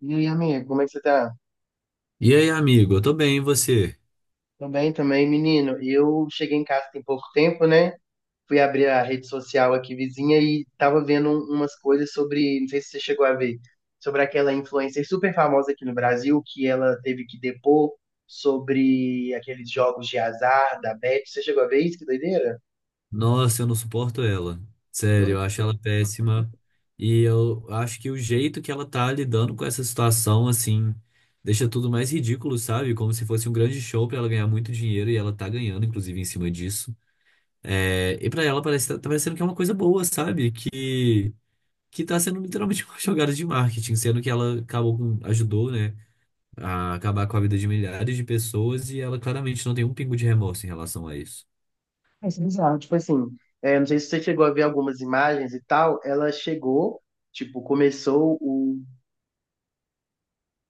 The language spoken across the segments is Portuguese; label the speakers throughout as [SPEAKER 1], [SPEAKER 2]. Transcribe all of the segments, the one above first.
[SPEAKER 1] E aí, amiga, como é que você tá?
[SPEAKER 2] E aí, amigo, eu tô bem, e você?
[SPEAKER 1] Tô bem também, menino. Eu cheguei em casa tem pouco tempo, né? Fui abrir a rede social aqui vizinha e tava vendo umas coisas sobre, não sei se você chegou a ver, sobre aquela influencer super famosa aqui no Brasil, que ela teve que depor sobre aqueles jogos de azar da Bet. Você chegou a ver isso? Que doideira?
[SPEAKER 2] Nossa, eu não suporto ela. Sério,
[SPEAKER 1] Hum,
[SPEAKER 2] eu acho ela péssima. E eu acho que o jeito que ela tá lidando com essa situação, assim, deixa tudo mais ridículo, sabe? Como se fosse um grande show pra ela ganhar muito dinheiro e ela tá ganhando, inclusive, em cima disso. É, e pra ela parece, tá parecendo que é uma coisa boa, sabe? Que tá sendo literalmente uma jogada de marketing, sendo que ela acabou com, ajudou, né, a acabar com a vida de milhares de pessoas e ela claramente não tem um pingo de remorso em relação a isso.
[SPEAKER 1] é bizarro. Tipo assim, é, não sei se você chegou a ver algumas imagens e tal, ela chegou, tipo, começou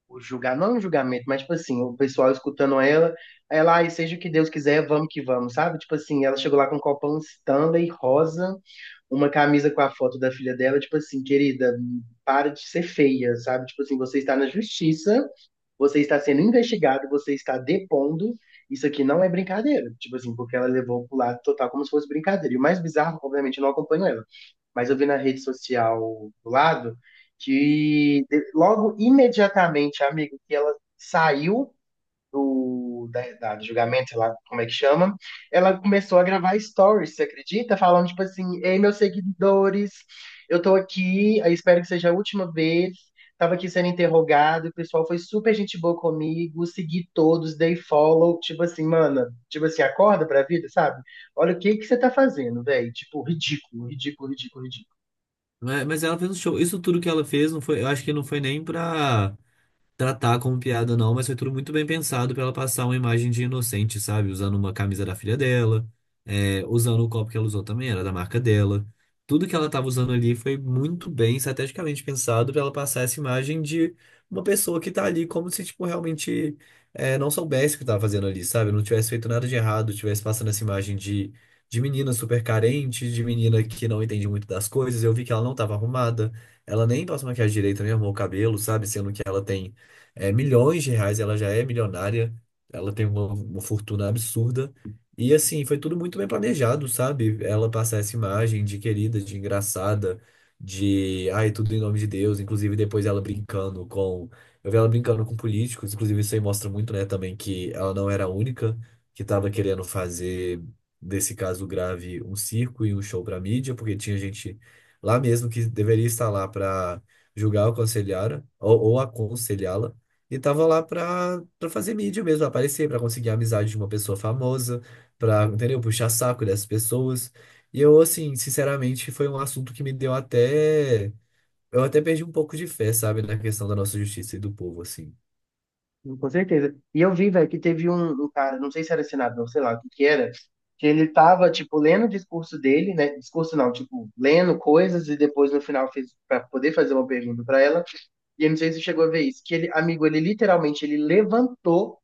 [SPEAKER 1] o julgar, não é um julgamento, mas tipo assim, o pessoal escutando ela, aí ela, ai, seja o que Deus quiser, vamos que vamos, sabe? Tipo assim, ela chegou lá com um copão Stanley rosa, uma camisa com a foto da filha dela, tipo assim, querida, para de ser feia, sabe? Tipo assim, você está na justiça, você está sendo investigado, você está depondo. Isso aqui não é brincadeira. Tipo assim, porque ela levou pro lado total como se fosse brincadeira. E o mais bizarro, obviamente, eu não acompanho ela. Mas eu vi na rede social do lado que logo imediatamente, amigo, que ela saiu do julgamento, sei lá como é que chama, ela começou a gravar stories, você acredita? Falando tipo assim, ei, meus seguidores, eu tô aqui, eu espero que seja a última vez. Tava aqui sendo interrogado, o pessoal foi super gente boa comigo, segui todos, dei follow, tipo assim, mana, tipo assim, acorda pra vida, sabe? Olha o que que você tá fazendo, velho. Tipo, ridículo, ridículo, ridículo, ridículo.
[SPEAKER 2] Mas ela fez um show. Isso tudo que ela fez, não foi, eu acho que não foi nem pra tratar como piada, não, mas foi tudo muito bem pensado pra ela passar uma imagem de inocente, sabe? Usando uma camisa da filha dela, usando o copo que ela usou também, era da marca dela. Tudo que ela tava usando ali foi muito bem estrategicamente pensado pra ela passar essa imagem de uma pessoa que tá ali como se, tipo, realmente não soubesse o que tava fazendo ali, sabe? Não tivesse feito nada de errado, tivesse passando essa imagem de menina super carente, de menina que não entende muito das coisas. Eu vi que ela não tava arrumada, ela nem passou maquiagem direito, nem arrumou o cabelo, sabe? Sendo que ela tem milhões de reais, ela já é milionária, ela tem uma fortuna absurda. E assim, foi tudo muito bem planejado, sabe? Ela passar essa imagem de querida, de engraçada, de ai, tudo em nome de Deus, inclusive depois ela brincando com. Eu vi ela brincando com políticos, inclusive isso aí mostra muito, né, também que ela não era a única que estava querendo fazer desse caso grave um circo e um show para mídia, porque tinha gente lá mesmo que deveria estar lá para julgar ou aconselhar ou aconselhá-la e tava lá pra fazer mídia mesmo, aparecer, pra conseguir a amizade de uma pessoa famosa, pra, entendeu? Puxar saco dessas pessoas. E eu, assim, sinceramente, foi um assunto que me deu até. Eu até perdi um pouco de fé, sabe, na questão da nossa justiça e do povo, assim.
[SPEAKER 1] Com certeza. E eu vi, velho, que teve um cara, não sei se era senador, sei lá o que que era, que ele tava, tipo, lendo o discurso dele, né? Discurso não, tipo, lendo coisas e depois no final fez pra poder fazer uma pergunta pra ela. E eu não sei se você chegou a ver isso, que ele, amigo, ele literalmente, ele levantou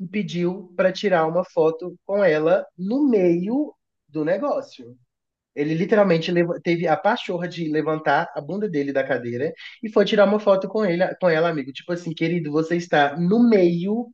[SPEAKER 1] e pediu pra tirar uma foto com ela no meio do negócio. Ele literalmente teve a pachorra de levantar a bunda dele da cadeira e foi tirar uma foto com ele, com ela, amigo. Tipo assim, querido, você está no meio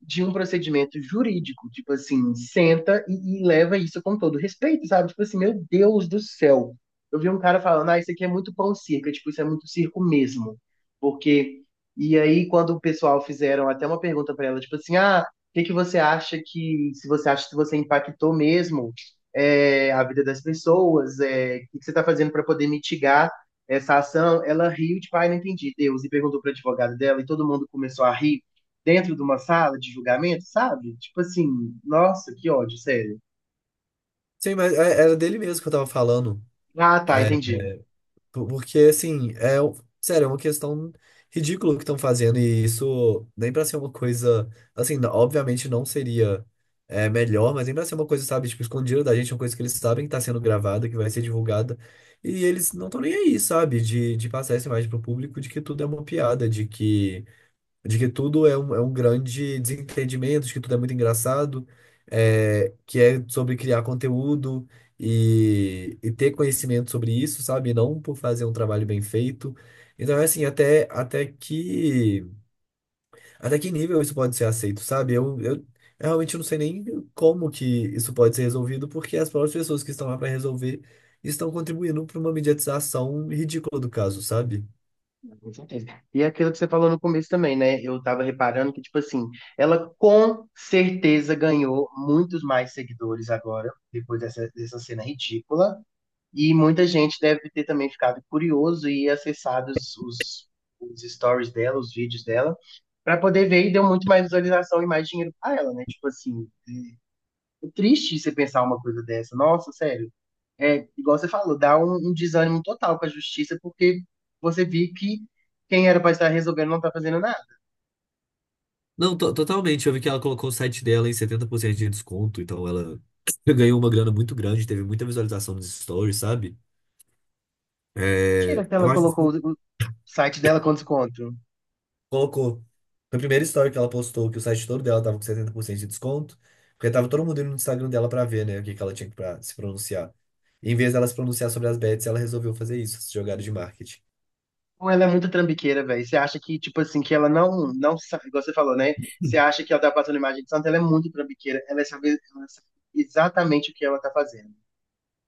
[SPEAKER 1] de um procedimento jurídico. Tipo assim, senta e leva isso com todo respeito, sabe? Tipo assim, meu Deus do céu. Eu vi um cara falando, ah, isso aqui é muito pão circo, é tipo, isso é muito circo mesmo. Porque. E aí, quando o pessoal fizeram até uma pergunta para ela, tipo assim, ah, o que que você acha que, se você acha que você impactou mesmo, é, a vida das pessoas, é, o que que você está fazendo para poder mitigar essa ação? Ela riu, tipo, ai, não entendi, Deus, e perguntou para advogado dela, e todo mundo começou a rir dentro de uma sala de julgamento, sabe? Tipo assim, nossa, que ódio, sério.
[SPEAKER 2] Sim, mas é- era dele mesmo que eu tava falando.
[SPEAKER 1] Ah, tá, entendi.
[SPEAKER 2] Porque, assim, é, o- sério, é uma questão ridícula que estão fazendo, e isso nem pra ser uma coisa, assim, n- obviamente não seria melhor, mas nem pra ser uma coisa, sabe, tipo, escondida da gente, uma coisa que eles sabem que tá sendo gravada, que vai ser divulgada, e eles não estão nem aí, sabe, de passar essa imagem pro público de que tudo é uma piada, de que tudo é um grande desentendimento, de que tudo é muito engraçado, é, que é sobre criar conteúdo e ter conhecimento sobre isso, sabe? Não por fazer um trabalho bem feito. Então, é assim, até que nível isso pode ser aceito, sabe? Eu realmente não sei nem como que isso pode ser resolvido, porque as próprias pessoas que estão lá para resolver estão contribuindo para uma mediatização ridícula do caso, sabe?
[SPEAKER 1] Com certeza. E é aquilo que você falou no começo também, né? Eu tava reparando que, tipo assim, ela com certeza ganhou muitos mais seguidores agora, depois dessa, dessa cena ridícula. E muita gente deve ter também ficado curioso e acessado os stories dela, os vídeos dela, pra poder ver e deu muito mais visualização e mais dinheiro pra ela, né? Tipo assim, é triste você pensar uma coisa dessa. Nossa, sério. É, igual você falou, dá um desânimo total com a justiça, porque você vê que quem era para estar resolvendo não tá fazendo nada.
[SPEAKER 2] Não, to- totalmente. Eu vi que ela colocou o site dela em 70% de desconto, então ela ganhou uma grana muito grande, teve muita visualização nos stories, sabe? É,
[SPEAKER 1] Mentira que
[SPEAKER 2] eu
[SPEAKER 1] ela
[SPEAKER 2] acho
[SPEAKER 1] colocou
[SPEAKER 2] que
[SPEAKER 1] o site dela com desconto.
[SPEAKER 2] colocou. Foi a primeira story que ela postou que o site todo dela tava com 70% de desconto, porque tava todo mundo indo no Instagram dela pra ver, né, o que que ela tinha pra se pronunciar. E em vez dela se pronunciar sobre as bets, ela resolveu fazer isso, essa jogada de marketing.
[SPEAKER 1] Ou ela é muito trambiqueira, velho. Você acha que, tipo assim, que ela não sabe, igual você falou, né? Você acha que ela tá passando imagem de santa, ela é muito trambiqueira. Ela sabe exatamente o que ela tá fazendo.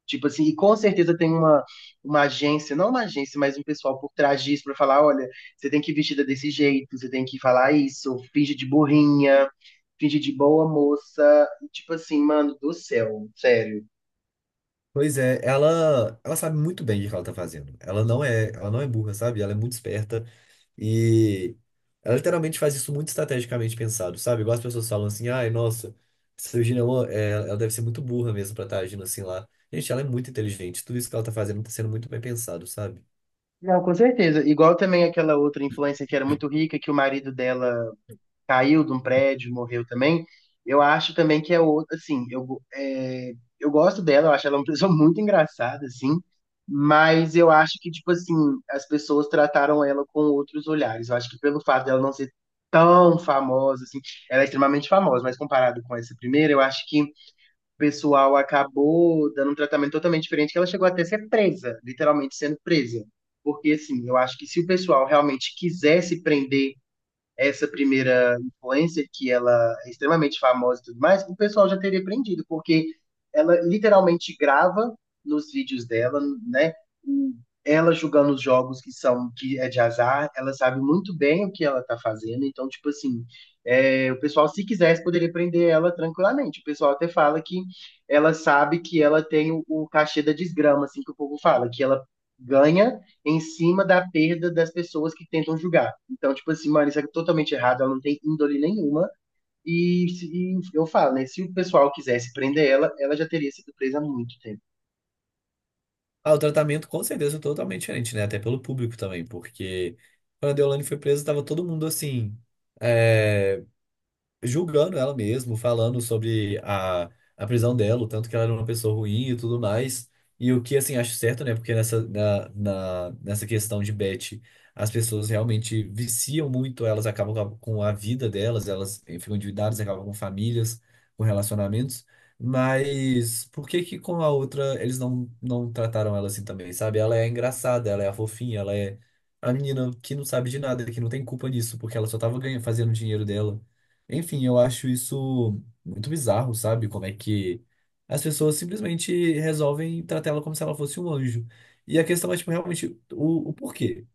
[SPEAKER 1] Tipo assim, e com certeza tem uma agência, não uma agência, mas um pessoal por trás disso pra falar, olha, você tem que ir vestida desse jeito, você tem que falar isso, finge de burrinha, finge de boa moça, tipo assim, mano, do céu, sério.
[SPEAKER 2] Pois é, ela sabe muito bem o que ela tá fazendo. Ela não é burra, sabe? Ela é muito esperta. E ela literalmente faz isso muito estrategicamente pensado, sabe? Igual as pessoas falam assim, ai, nossa, essa Virginia, Woolf, é, ela deve ser muito burra mesmo pra estar agindo assim lá. Gente, ela é muito inteligente, tudo isso que ela tá fazendo tá sendo muito bem pensado, sabe?
[SPEAKER 1] Não, com certeza. Igual também aquela outra influencer que era muito rica, que o marido dela caiu de um prédio, morreu também. Eu acho também que é outra, assim, eu gosto dela, eu acho ela uma pessoa muito engraçada, assim, mas eu acho que, tipo assim, as pessoas trataram ela com outros olhares. Eu acho que pelo fato dela não ser tão famosa, assim, ela é extremamente famosa, mas comparado com essa primeira, eu acho que o pessoal acabou dando um tratamento totalmente diferente, que ela chegou até a ser presa, literalmente sendo presa. Porque, assim, eu acho que se o pessoal realmente quisesse prender essa primeira influencer, que ela é extremamente famosa e tudo mais, o pessoal já teria aprendido, porque ela literalmente grava nos vídeos dela, né? Ela jogando os jogos que são que é de azar, ela sabe muito bem o que ela tá fazendo, então, tipo assim, é, o pessoal, se quisesse, poderia prender ela tranquilamente. O pessoal até fala que ela sabe que ela tem o cachê da desgrama, assim que o povo fala, que ela ganha em cima da perda das pessoas que tentam julgar. Então, tipo assim, mano, isso é totalmente errado, ela não tem índole nenhuma. E eu falo, né? Se o pessoal quisesse prender ela, ela já teria sido presa há muito tempo.
[SPEAKER 2] Ah, o tratamento com certeza é totalmente diferente, né? Até pelo público também, porque quando a Deolane foi presa, tava todo mundo assim. É, julgando ela mesmo, falando sobre a prisão dela, o tanto que ela era uma pessoa ruim e tudo mais. E o que, assim, acho certo, né? Porque nessa, nessa questão de Beth, as pessoas realmente viciam muito, elas acabam com a vida delas, elas eh, ficam endividadas, acabam com famílias, com relacionamentos. Mas por que que com a outra eles não trataram ela assim também, sabe? Ela é engraçada, ela é a fofinha, ela é a menina que não sabe de nada, que não tem culpa nisso, porque ela só tava ganhando, fazendo dinheiro dela. Enfim, eu acho isso muito bizarro, sabe? Como é que as pessoas simplesmente resolvem tratar ela como se ela fosse um anjo. E a questão é, tipo, realmente o porquê,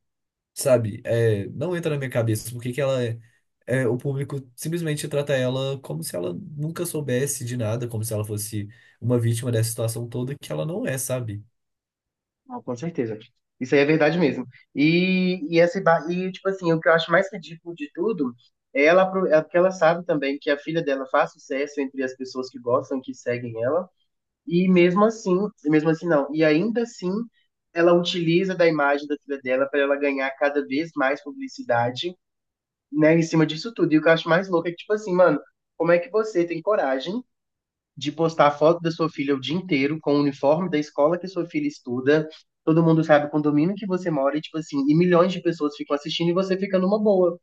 [SPEAKER 2] sabe? É, não entra na minha cabeça por que que ela é, é, o público simplesmente trata ela como se ela nunca soubesse de nada, como se ela fosse uma vítima dessa situação toda que ela não é, sabe?
[SPEAKER 1] Ah, com certeza. Isso aí é verdade mesmo. E, tipo assim, o que eu acho mais ridículo de tudo é ela, é porque ela sabe também que a filha dela faz sucesso entre as pessoas que gostam, que seguem ela, e mesmo assim não, e ainda assim, ela utiliza da imagem da filha dela para ela ganhar cada vez mais publicidade, né, em cima disso tudo. E o que eu acho mais louco é que, tipo assim, mano, como é que você tem coragem? De postar foto da sua filha o dia inteiro com o uniforme da escola que sua filha estuda. Todo mundo sabe o condomínio que você mora, e, tipo assim, e milhões de pessoas ficam assistindo e você fica numa boa,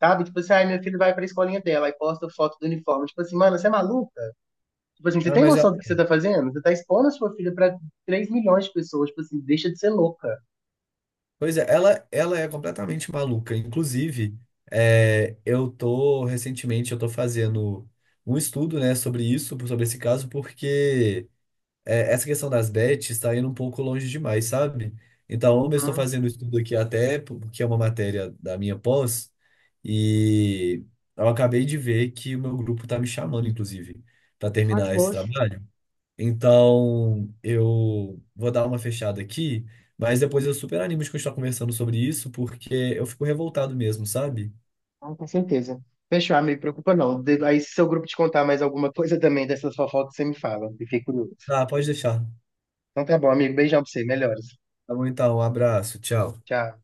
[SPEAKER 1] sabe? Tipo assim, ai, minha filha vai pra escolinha dela, e posta foto do uniforme. Tipo assim, mano, você é maluca? Tipo assim, você
[SPEAKER 2] Ah,
[SPEAKER 1] tem
[SPEAKER 2] mas
[SPEAKER 1] noção do que você tá fazendo? Você tá expondo a sua filha pra 3 milhões de pessoas, tipo assim, deixa de ser louca.
[SPEAKER 2] pois é, ela é completamente maluca. Inclusive, é, eu tô fazendo um estudo, né, sobre isso, sobre esse caso, porque é, essa questão das bets está indo um pouco longe demais, sabe? Então, eu estou
[SPEAKER 1] Hum,
[SPEAKER 2] fazendo um estudo aqui até porque é uma matéria da minha pós e eu acabei de ver que o meu grupo está me chamando, inclusive, para
[SPEAKER 1] tá de
[SPEAKER 2] terminar esse
[SPEAKER 1] boas.
[SPEAKER 2] trabalho. Então, eu vou dar uma fechada aqui, mas depois eu super animo de continuar conversando sobre isso, porque eu fico revoltado mesmo, sabe?
[SPEAKER 1] Com certeza. Fechou, ah, me preocupa não. Aí se seu grupo te contar mais alguma coisa também dessas fofocas, você me fala. Fiquei curioso.
[SPEAKER 2] Ah, pode deixar.
[SPEAKER 1] Então tá bom, amigo. Beijão pra você. Melhoras.
[SPEAKER 2] Tá bom, então, um abraço, tchau.
[SPEAKER 1] Tchau.